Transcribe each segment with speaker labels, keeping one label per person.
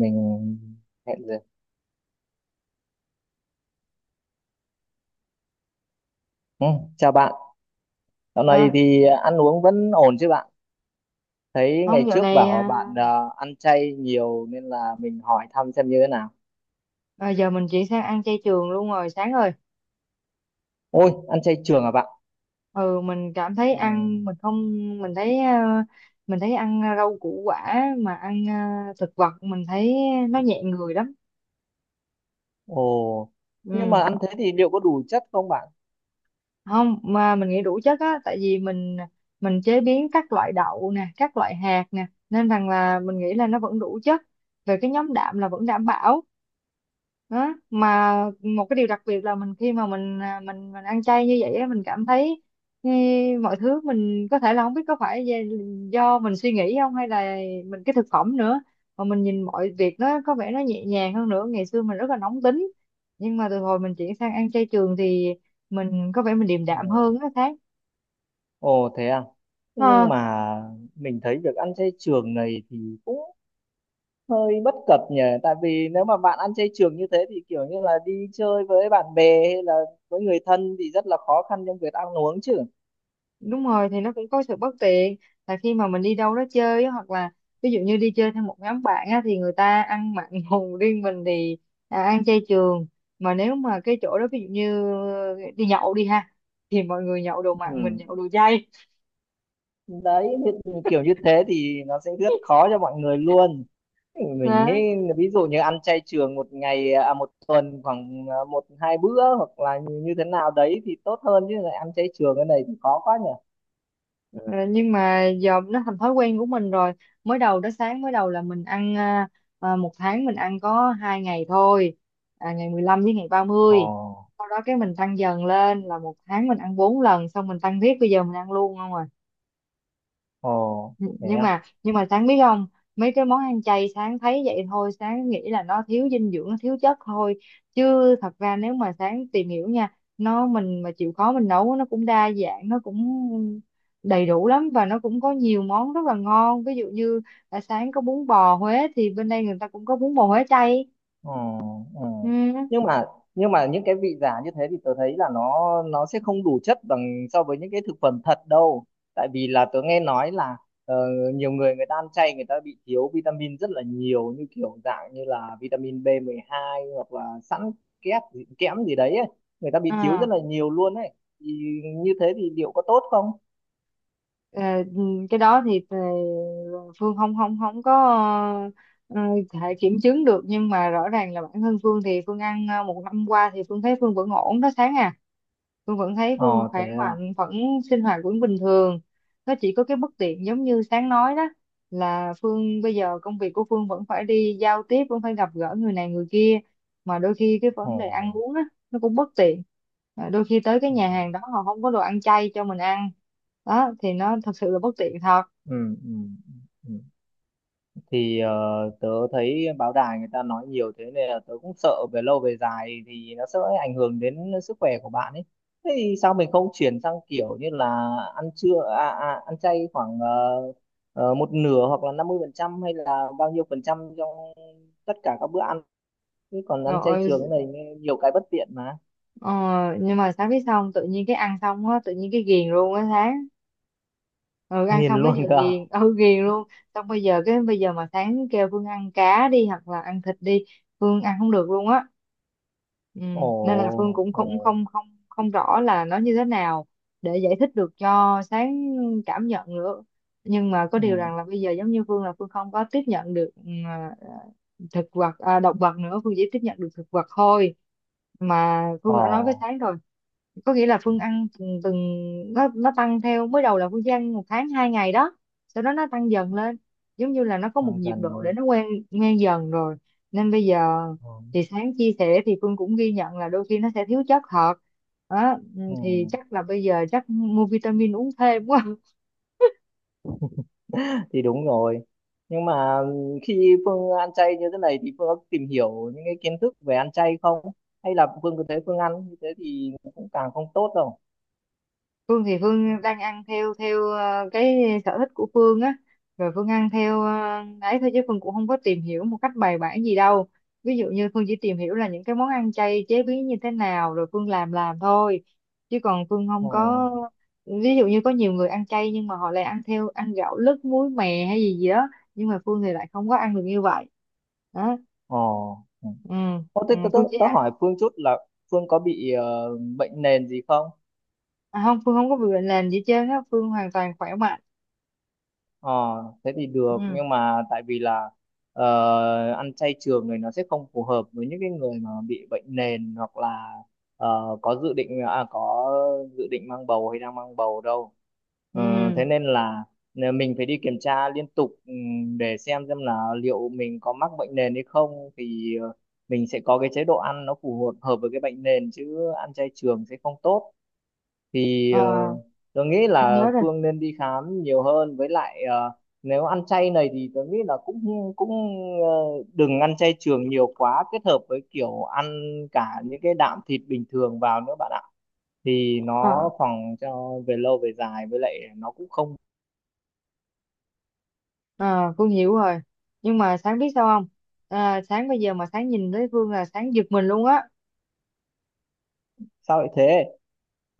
Speaker 1: Mình hẹn giờ, ừ, chào bạn. Dạo này
Speaker 2: Ờ,
Speaker 1: thì ăn uống vẫn ổn chứ bạn? Thấy
Speaker 2: không,
Speaker 1: ngày
Speaker 2: dạo
Speaker 1: trước
Speaker 2: này
Speaker 1: bảo bạn ăn chay nhiều nên là mình hỏi thăm xem như thế nào.
Speaker 2: giờ mình chuyển sang ăn chay trường luôn rồi sáng rồi.
Speaker 1: Ôi, ăn chay trường à bạn?
Speaker 2: Ừ mình cảm thấy
Speaker 1: Ừ.
Speaker 2: ăn mình không, mình thấy mình thấy ăn rau củ quả, mà ăn thực vật mình thấy nó nhẹ người lắm.
Speaker 1: Ồ. Nhưng mà
Speaker 2: ừ
Speaker 1: ăn thế thì liệu có đủ chất không bạn?
Speaker 2: Không, mà mình nghĩ đủ chất á, tại vì mình chế biến các loại đậu nè, các loại hạt nè, nên rằng là mình nghĩ là nó vẫn đủ chất về cái nhóm đạm, là vẫn đảm bảo đó mà. Một cái điều đặc biệt là mình, khi mà mình mình ăn chay như vậy á, mình cảm thấy ừ, mọi thứ mình có thể là không biết có phải do mình suy nghĩ không, hay là mình cái thực phẩm nữa, mà mình nhìn mọi việc nó có vẻ nó nhẹ nhàng hơn. Nữa ngày xưa mình rất là nóng tính, nhưng mà từ hồi mình chuyển sang ăn chay trường thì mình có vẻ mình điềm
Speaker 1: Ừ.
Speaker 2: đạm hơn á Thái.
Speaker 1: Ồ, thế à? Nhưng
Speaker 2: Ờ,
Speaker 1: mà mình thấy việc ăn chay trường này thì cũng hơi bất cập nhỉ, tại vì nếu mà bạn ăn chay trường như thế thì kiểu như là đi chơi với bạn bè hay là với người thân thì rất là khó khăn trong việc ăn uống chứ.
Speaker 2: Đúng rồi, thì nó cũng có sự bất tiện là khi mà mình đi đâu đó chơi á, hoặc là ví dụ như đi chơi theo một nhóm bạn á, thì người ta ăn mặn hùng, riêng mình thì ăn chay trường, mà nếu mà cái chỗ đó ví dụ như đi nhậu đi ha, thì mọi người nhậu đồ mặn, mình nhậu
Speaker 1: Ừ.
Speaker 2: đồ chay.
Speaker 1: Đấy thì kiểu như thế thì nó sẽ rất khó cho mọi người luôn, mình nghĩ ví dụ như ăn chay trường một ngày, à một tuần, khoảng à, một hai bữa hoặc là như như thế nào đấy thì tốt hơn, chứ lại ăn chay trường cái này thì khó quá nhỉ.
Speaker 2: Ờ, nhưng mà giờ nó thành thói quen của mình rồi. Mới đầu đó sáng, mới đầu là mình ăn một tháng mình ăn có hai ngày thôi, ngày 15 với ngày
Speaker 1: Ồ,
Speaker 2: 30. Sau đó cái mình tăng dần lên là một tháng mình ăn bốn lần, xong mình tăng tiếp, bây giờ mình ăn luôn không à?
Speaker 1: ồ, thế
Speaker 2: nhưng
Speaker 1: à?
Speaker 2: mà nhưng mà sáng biết không, mấy cái món ăn chay sáng thấy vậy thôi, sáng nghĩ là nó thiếu dinh dưỡng nó thiếu chất thôi, chứ thật ra nếu mà sáng tìm hiểu nha, nó mình mà chịu khó mình nấu, nó cũng đa dạng, nó cũng đầy đủ lắm, và nó cũng có nhiều món rất là ngon. Ví dụ như sáng có bún bò Huế thì bên đây người ta cũng có bún bò Huế chay.
Speaker 1: Ừ, ừ.
Speaker 2: Ừ.
Speaker 1: nhưng mà nhưng mà những cái vị giả như thế thì tớ thấy là nó sẽ không đủ chất bằng so với những cái thực phẩm thật đâu. Tại vì là tớ nghe nói là ờ, nhiều người, người ta ăn chay người ta bị thiếu vitamin rất là nhiều, như kiểu dạng như là vitamin B2 hoặc là sẵn kẽm gì đấy ấy. Người ta bị thiếu rất
Speaker 2: À.
Speaker 1: là nhiều luôn ấy, thì như thế thì liệu có tốt không?
Speaker 2: Ờ, ừ, cái đó thì Phương không không không có ờ, thể kiểm chứng được, nhưng mà rõ ràng là bản thân Phương thì Phương ăn một năm qua thì Phương thấy Phương vẫn ổn đó sáng à. Hương vẫn thấy
Speaker 1: Ờ,
Speaker 2: Hương
Speaker 1: thế
Speaker 2: khỏe
Speaker 1: à?
Speaker 2: mạnh, vẫn sinh hoạt vẫn bình thường. Nó chỉ có cái bất tiện giống như sáng nói đó, là Phương bây giờ công việc của Phương vẫn phải đi giao tiếp, vẫn phải gặp gỡ người này người kia, mà đôi khi cái
Speaker 1: Ồ,
Speaker 2: vấn đề ăn uống á, nó cũng bất tiện. Đôi khi tới cái
Speaker 1: ừ,
Speaker 2: nhà hàng đó họ không có đồ ăn chay cho mình ăn, đó thì nó thật sự là bất tiện thật.
Speaker 1: ừ, ừ, ừ. Thì tớ thấy báo đài người ta nói nhiều thế nên là tớ cũng sợ về lâu về dài thì nó sẽ ảnh hưởng đến sức khỏe của bạn ấy. Thế thì sao mình không chuyển sang kiểu như là ăn trưa, ăn chay khoảng một nửa hoặc là 50% hay là bao nhiêu phần trăm trong tất cả các bữa ăn, chứ còn ăn chay
Speaker 2: Rồi.
Speaker 1: trường cái này nghe nhiều cái bất tiện mà.
Speaker 2: ờ, nhưng mà sáng biết, xong tự nhiên cái ăn xong á, tự nhiên cái ghiền luôn á sáng. Ừ, ăn
Speaker 1: Nghiền
Speaker 2: xong cái
Speaker 1: luôn
Speaker 2: giờ
Speaker 1: cơ.
Speaker 2: ghiền, ừ, ghiền luôn. Xong bây giờ, cái bây giờ mà sáng kêu Phương ăn cá đi hoặc là ăn thịt đi, Phương ăn không được luôn á. Ừ.
Speaker 1: Ồ,
Speaker 2: Nên là Phương cũng
Speaker 1: ồ,
Speaker 2: cũng không không không rõ là nó như thế nào để giải thích được cho sáng cảm nhận nữa. Nhưng mà có
Speaker 1: ừ.
Speaker 2: điều rằng là bây giờ giống như Phương là Phương không có tiếp nhận được thực vật động vật nữa, Phương chỉ tiếp nhận được thực vật thôi, mà
Speaker 1: Ồ,
Speaker 2: Phương đã nói với sáng rồi. Có nghĩa là Phương ăn từng, từng, nó tăng theo. Mới đầu là Phương chỉ ăn một tháng hai ngày đó, sau đó nó tăng dần lên, giống như là nó có một
Speaker 1: tăng
Speaker 2: nhịp
Speaker 1: dần
Speaker 2: độ để
Speaker 1: lên.
Speaker 2: nó quen, quen dần rồi nên bây giờ.
Speaker 1: Ồ,
Speaker 2: Thì sáng chia sẻ thì Phương cũng ghi nhận là đôi khi nó sẽ thiếu chất thật đó. Ừ,
Speaker 1: ừ.
Speaker 2: thì chắc là bây giờ chắc mua vitamin uống thêm quá.
Speaker 1: Thì đúng rồi, nhưng mà khi Phương ăn chay như thế này thì Phương có tìm hiểu những cái kiến thức về ăn chay không, hay là Phương cứ thế Phương ăn như thế thì cũng càng không tốt đâu?
Speaker 2: Phương thì Phương đang ăn theo theo cái sở thích của Phương á, rồi Phương ăn theo ấy thôi, chứ Phương cũng không có tìm hiểu một cách bài bản gì đâu. Ví dụ như Phương chỉ tìm hiểu là những cái món ăn chay chế biến như thế nào rồi Phương làm thôi, chứ còn Phương không
Speaker 1: Ồ,
Speaker 2: có. Ví dụ như có nhiều người ăn chay nhưng mà họ lại ăn theo, ăn gạo lứt muối mè hay gì gì đó, nhưng mà Phương thì lại không có ăn được như vậy đó.
Speaker 1: ồ, ừ.
Speaker 2: Ừ,
Speaker 1: Ô, thế
Speaker 2: ừ,
Speaker 1: tớ, tớ,
Speaker 2: Phương chỉ
Speaker 1: tớ
Speaker 2: ăn
Speaker 1: hỏi Phương chút là Phương có bị bệnh nền gì không?
Speaker 2: không, Phương không có bị bệnh nền gì hết trơn á, Phương hoàn toàn khỏe mạnh.
Speaker 1: ờ Thế thì được,
Speaker 2: Ừ,
Speaker 1: nhưng mà tại vì là ăn chay trường này nó sẽ không phù hợp với những cái người mà bị bệnh nền, hoặc là có dự định mang bầu hay đang mang bầu đâu. Ờ, thế
Speaker 2: ừ.
Speaker 1: nên là mình phải đi kiểm tra liên tục để xem là liệu mình có mắc bệnh nền hay không, thì mình sẽ có cái chế độ ăn nó phù hợp hợp với cái bệnh nền, chứ ăn chay trường sẽ không tốt. Thì
Speaker 2: Ờ.
Speaker 1: tôi nghĩ
Speaker 2: Con
Speaker 1: là
Speaker 2: nhớ rồi.
Speaker 1: Phương nên đi khám nhiều hơn, với lại nếu ăn chay này thì tôi nghĩ là cũng cũng ờ, đừng ăn chay trường nhiều quá, kết hợp với kiểu ăn cả những cái đạm thịt bình thường vào nữa bạn ạ, thì
Speaker 2: ờ
Speaker 1: nó phòng cho về lâu về dài, với lại nó cũng không.
Speaker 2: ờ, con hiểu rồi. Nhưng mà sáng biết sao không, sáng bây giờ mà sáng nhìn thấy Phương là sáng giật mình luôn á.
Speaker 1: Sao lại thế?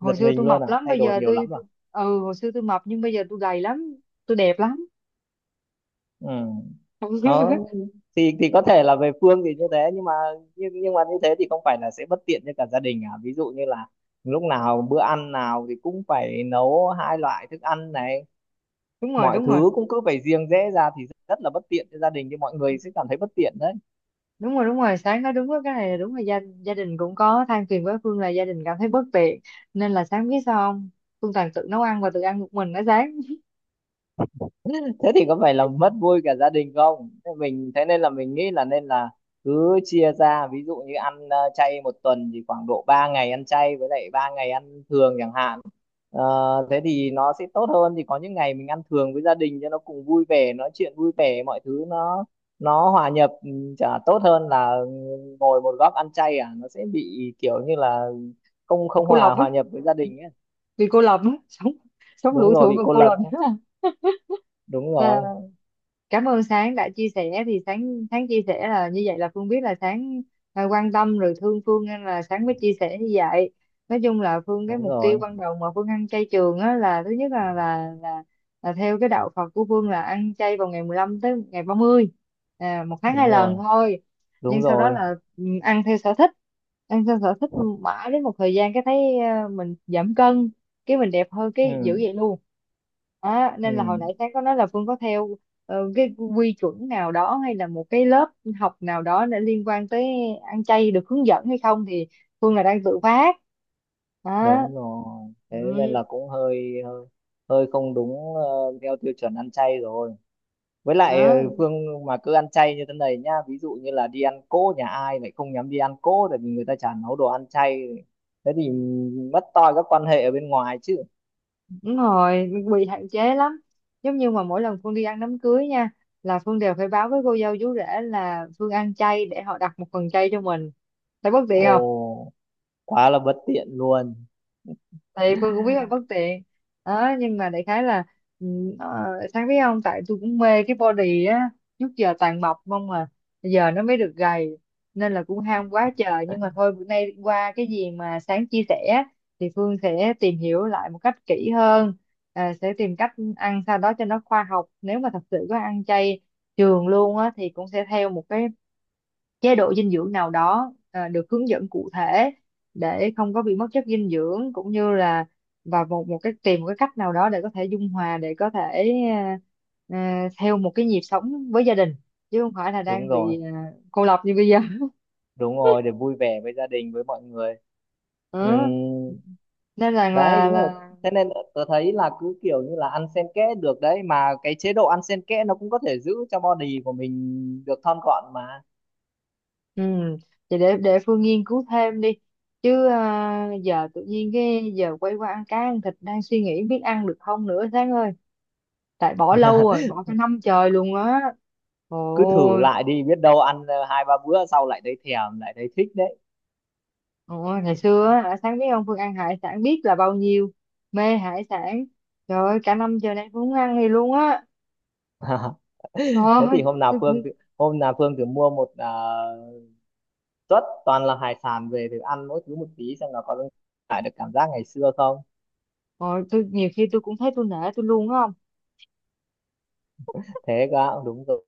Speaker 1: Giật
Speaker 2: xưa
Speaker 1: mình
Speaker 2: tôi
Speaker 1: luôn
Speaker 2: mập
Speaker 1: à?
Speaker 2: lắm,
Speaker 1: Thay
Speaker 2: bây
Speaker 1: đổi
Speaker 2: giờ
Speaker 1: nhiều
Speaker 2: tôi,
Speaker 1: lắm à?
Speaker 2: tôi Ừ, hồi xưa tôi mập, nhưng bây giờ tôi gầy lắm, tôi đẹp lắm.
Speaker 1: Ừ. Đó, thì có thể là về Phương thì như thế, nhưng mà như thế thì không phải là sẽ bất tiện cho cả gia đình à? Ví dụ như là lúc nào, bữa ăn nào thì cũng phải nấu hai loại thức ăn này,
Speaker 2: Đúng rồi,
Speaker 1: mọi
Speaker 2: đúng rồi.
Speaker 1: thứ cũng cứ phải riêng rẽ ra thì rất là bất tiện cho gia đình, thì mọi người sẽ cảm thấy bất tiện đấy.
Speaker 2: Đúng rồi, đúng rồi, sáng nói đúng đó, cái này là đúng, là gia đình cũng có than phiền với Phương là gia đình cảm thấy bất tiện, nên là sáng biết sao không, Phương toàn tự nấu ăn và tự ăn một mình ở sáng.
Speaker 1: Thế thì có phải là mất vui cả gia đình không? Thế mình, thế nên là mình nghĩ là nên là cứ chia ra, ví dụ như ăn chay một tuần thì khoảng độ 3 ngày ăn chay, với lại 3 ngày ăn thường chẳng hạn. Ờ, thế thì nó sẽ tốt hơn, thì có những ngày mình ăn thường với gia đình cho nó cùng vui vẻ, nói chuyện vui vẻ, mọi thứ nó hòa nhập chả tốt hơn là ngồi một góc ăn chay à, nó sẽ bị kiểu như là không không
Speaker 2: Cô lập
Speaker 1: hòa
Speaker 2: á,
Speaker 1: hòa nhập với gia đình ấy.
Speaker 2: vì cô lập á. Sống, sống
Speaker 1: Đúng
Speaker 2: lủi
Speaker 1: rồi,
Speaker 2: thủi
Speaker 1: bị
Speaker 2: và
Speaker 1: cô
Speaker 2: cô
Speaker 1: lập
Speaker 2: lập
Speaker 1: ấy. Đúng rồi,
Speaker 2: á. Cảm ơn Sáng đã chia sẻ, thì Sáng Sáng chia sẻ là như vậy, là Phương biết là Sáng quan tâm rồi thương Phương nên là Sáng mới chia sẻ như vậy. Nói chung là Phương, cái
Speaker 1: đúng
Speaker 2: mục tiêu
Speaker 1: rồi.
Speaker 2: ban đầu mà Phương ăn chay trường á, là thứ nhất là theo cái đạo Phật của Phương là ăn chay vào ngày 15 tới ngày 30, một tháng hai
Speaker 1: Đúng rồi,
Speaker 2: lần thôi. Nhưng
Speaker 1: đúng
Speaker 2: sau đó
Speaker 1: rồi.
Speaker 2: là ăn theo sở thích, ăn theo sở thích mãi đến một thời gian cái thấy mình giảm cân, cái mình đẹp hơn, cái giữ
Speaker 1: Ừ,
Speaker 2: vậy luôn. Đó,
Speaker 1: ừ,
Speaker 2: nên là hồi nãy sáng có nói là Phương có theo cái quy chuẩn nào đó, hay là một cái lớp học nào đó để liên quan tới ăn chay, được hướng dẫn hay không, thì Phương là đang tự phát đó.
Speaker 1: đúng rồi. Thế nên
Speaker 2: Ừ,
Speaker 1: là cũng hơi hơi hơi không đúng, theo tiêu chuẩn ăn chay rồi, với lại
Speaker 2: đó.
Speaker 1: Phương mà cứ ăn chay như thế này nhá, ví dụ như là đi ăn cỗ nhà ai lại không nhắm đi ăn cỗ, tại vì người ta chả nấu đồ ăn chay, thế thì mất toi các quan hệ ở bên ngoài chứ.
Speaker 2: Đúng rồi, bị hạn chế lắm. Giống như mà mỗi lần Phương đi ăn đám cưới nha, là Phương đều phải báo với cô dâu chú rể là Phương ăn chay để họ đặt một phần chay cho mình. Thấy bất tiện,
Speaker 1: Ồ, quá là bất tiện luôn.
Speaker 2: thì Phương cũng biết là bất tiện đó. Nhưng mà đại khái là ừ, ờ, sáng biết không, tại tôi cũng mê cái body á, trước giờ toàn mập không mà, giờ nó mới được gầy, nên là cũng ham quá trời. Nhưng mà thôi, bữa nay qua cái gì mà sáng chia sẻ thì Phương sẽ tìm hiểu lại một cách kỹ hơn, sẽ tìm cách ăn sao đó cho nó khoa học. Nếu mà thật sự có ăn chay trường luôn á, thì cũng sẽ theo một cái chế độ dinh dưỡng nào đó được hướng dẫn cụ thể để không có bị mất chất dinh dưỡng, cũng như là và một một cái tìm một cái cách nào đó để có thể dung hòa, để có thể theo một cái nhịp sống với gia đình, chứ không phải là
Speaker 1: Đúng
Speaker 2: đang
Speaker 1: rồi,
Speaker 2: bị cô lập như bây giờ.
Speaker 1: đúng rồi, để vui vẻ với gia đình, với mọi người. Ừ,
Speaker 2: Ừ. Nên rằng
Speaker 1: đấy đúng rồi.
Speaker 2: là
Speaker 1: Thế nên tớ thấy là cứ kiểu như là ăn xen kẽ được đấy, mà cái chế độ ăn xen kẽ nó cũng có thể giữ cho body của mình được thon gọn mà.
Speaker 2: ừ. Vậy để Phương nghiên cứu thêm đi chứ, giờ tự nhiên cái giờ quay qua ăn cá ăn thịt, đang suy nghĩ biết ăn được không nữa Sáng ơi. Tại bỏ lâu rồi, bỏ cả năm trời luôn á,
Speaker 1: Cứ thử
Speaker 2: ôi.
Speaker 1: lại đi, biết đâu ăn hai ba bữa sau lại thấy thèm, lại thấy thích đấy.
Speaker 2: Ôi, ngày xưa á hả, sáng biết ông, Phương ăn hải sản biết là bao nhiêu, mê hải sản. Trời ơi, cả năm trời nay Phương không ăn gì luôn á.
Speaker 1: Thế
Speaker 2: Thôi,
Speaker 1: thì
Speaker 2: tôi cũng.
Speaker 1: Hôm nào Phương thử mua một suất toàn là hải sản về thử ăn mỗi thứ một tí, xem là có lại được cảm giác ngày xưa không.
Speaker 2: Rồi, tôi nhiều khi tôi cũng thấy tôi nể tôi luôn á, không.
Speaker 1: Thế cơ ạ? Đúng rồi,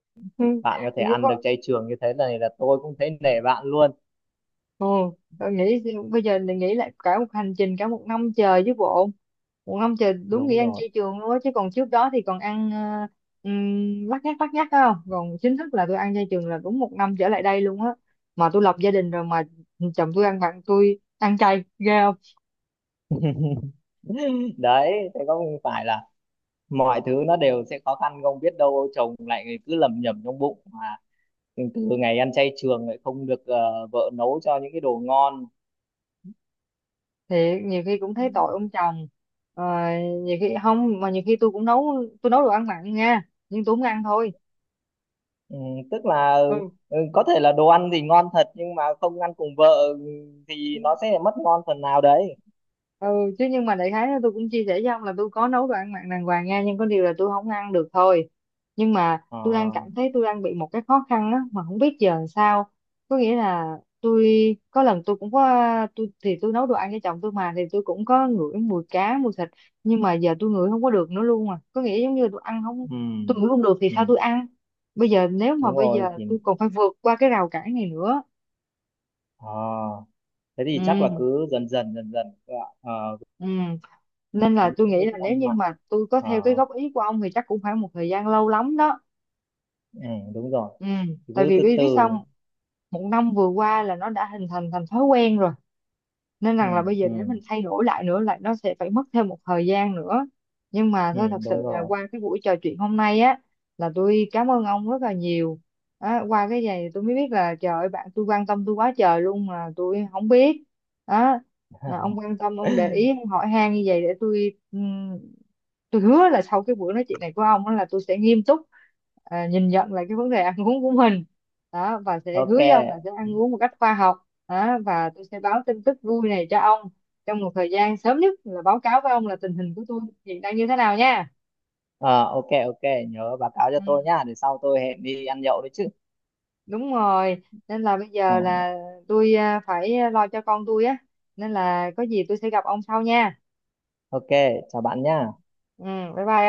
Speaker 1: bạn có thể ăn được chay trường như thế này là tôi cũng thấy nể bạn luôn.
Speaker 2: Ồ, tôi nghĩ, bây giờ mình nghĩ lại cả một hành trình, cả một năm trời chứ bộ. Một năm trời đúng nghĩa
Speaker 1: Đúng
Speaker 2: ăn
Speaker 1: rồi
Speaker 2: chay trường luôn á, chứ còn trước đó thì còn ăn lắt nhắt, lắt nhắt đó. Không, còn chính thức là tôi ăn chay trường là đúng một năm trở lại đây luôn á, mà tôi lập gia đình rồi mà, chồng tôi ăn, bạn tôi ăn chay ghê không.
Speaker 1: đấy, thế có phải là mọi thứ nó đều sẽ khó khăn không, biết đâu chồng lại cứ lẩm nhẩm trong bụng mà từ ngày ăn chay trường lại không được vợ nấu cho những cái đồ ngon.
Speaker 2: Thì nhiều khi cũng thấy tội ông chồng. Ờ, Nhiều khi không, mà nhiều khi tôi cũng nấu, tôi nấu đồ ăn mặn nha, nhưng tôi không ăn thôi.
Speaker 1: Ừ, tức là
Speaker 2: Ừ,
Speaker 1: có thể là đồ ăn thì ngon thật nhưng mà không ăn cùng vợ, ừ, thì nó sẽ mất ngon phần nào đấy.
Speaker 2: ừ. Chứ nhưng mà đại khái là tôi cũng chia sẻ với ông là tôi có nấu đồ ăn mặn đàng hoàng nha, nhưng có điều là tôi không ăn được thôi. Nhưng mà
Speaker 1: Ờ,
Speaker 2: tôi đang cảm thấy tôi đang bị một cái khó khăn á mà không biết giờ làm sao. Có nghĩa là tôi có lần tôi cũng có, tôi thì tôi nấu đồ ăn cho chồng tôi mà, thì tôi cũng có ngửi mùi cá mùi thịt, nhưng mà giờ tôi ngửi không có được nữa luôn. À, có nghĩa giống như tôi ăn không,
Speaker 1: ừ,
Speaker 2: tôi ngửi không được thì
Speaker 1: ừ,
Speaker 2: sao tôi ăn. Bây giờ nếu mà
Speaker 1: đúng
Speaker 2: bây
Speaker 1: rồi.
Speaker 2: giờ
Speaker 1: Thì
Speaker 2: tôi còn phải vượt qua cái rào cản này nữa.
Speaker 1: ờ, thế thì chắc là
Speaker 2: Ừ,
Speaker 1: cứ dần dần dần dần các bạn,
Speaker 2: ừ. Nên
Speaker 1: với
Speaker 2: là tôi
Speaker 1: những
Speaker 2: nghĩ
Speaker 1: cái
Speaker 2: là
Speaker 1: thức
Speaker 2: nếu
Speaker 1: ăn
Speaker 2: như
Speaker 1: mặn.
Speaker 2: mà tôi có
Speaker 1: Ờ,
Speaker 2: theo cái góp ý của ông thì chắc cũng phải một thời gian lâu lắm đó.
Speaker 1: ừ, đúng rồi,
Speaker 2: Ừ, tại
Speaker 1: cứ
Speaker 2: vì
Speaker 1: từ
Speaker 2: biết biết sao
Speaker 1: từ.
Speaker 2: không? Một năm vừa qua là nó đã hình thành thành thói quen rồi, nên
Speaker 1: Ừ,
Speaker 2: rằng là bây giờ
Speaker 1: ừ,
Speaker 2: để mình thay đổi lại nữa lại, nó sẽ phải mất thêm một thời gian nữa. Nhưng mà
Speaker 1: ừ,
Speaker 2: thôi, thật sự
Speaker 1: đúng
Speaker 2: là
Speaker 1: rồi.
Speaker 2: qua cái buổi trò chuyện hôm nay á, là tôi cảm ơn ông rất là nhiều. Á, qua cái này tôi mới biết là trời ơi bạn tôi quan tâm tôi quá trời luôn mà tôi không biết đó. Mà ông quan tâm, ông để ý, ông hỏi han như vậy để tôi hứa là sau cái buổi nói chuyện này của ông á, là tôi sẽ nghiêm túc nhìn nhận lại cái vấn đề ăn uống của mình đó, và sẽ hứa
Speaker 1: OK.
Speaker 2: với ông là sẽ ăn uống một cách khoa học đó. Và tôi sẽ báo tin tức vui này cho ông trong một thời gian sớm nhất, là báo cáo với ông là tình hình của tôi hiện đang như thế nào nha.
Speaker 1: Ờ, OK, OK, nhớ báo cáo cho tôi
Speaker 2: Ừ,
Speaker 1: nhá, để sau tôi hẹn đi ăn nhậu đấy chứ.
Speaker 2: đúng rồi, nên là bây
Speaker 1: Ừ.
Speaker 2: giờ là tôi phải lo cho con tôi á, nên là có gì tôi sẽ gặp ông sau nha.
Speaker 1: OK, chào bạn nhá.
Speaker 2: Ừ, bye bye.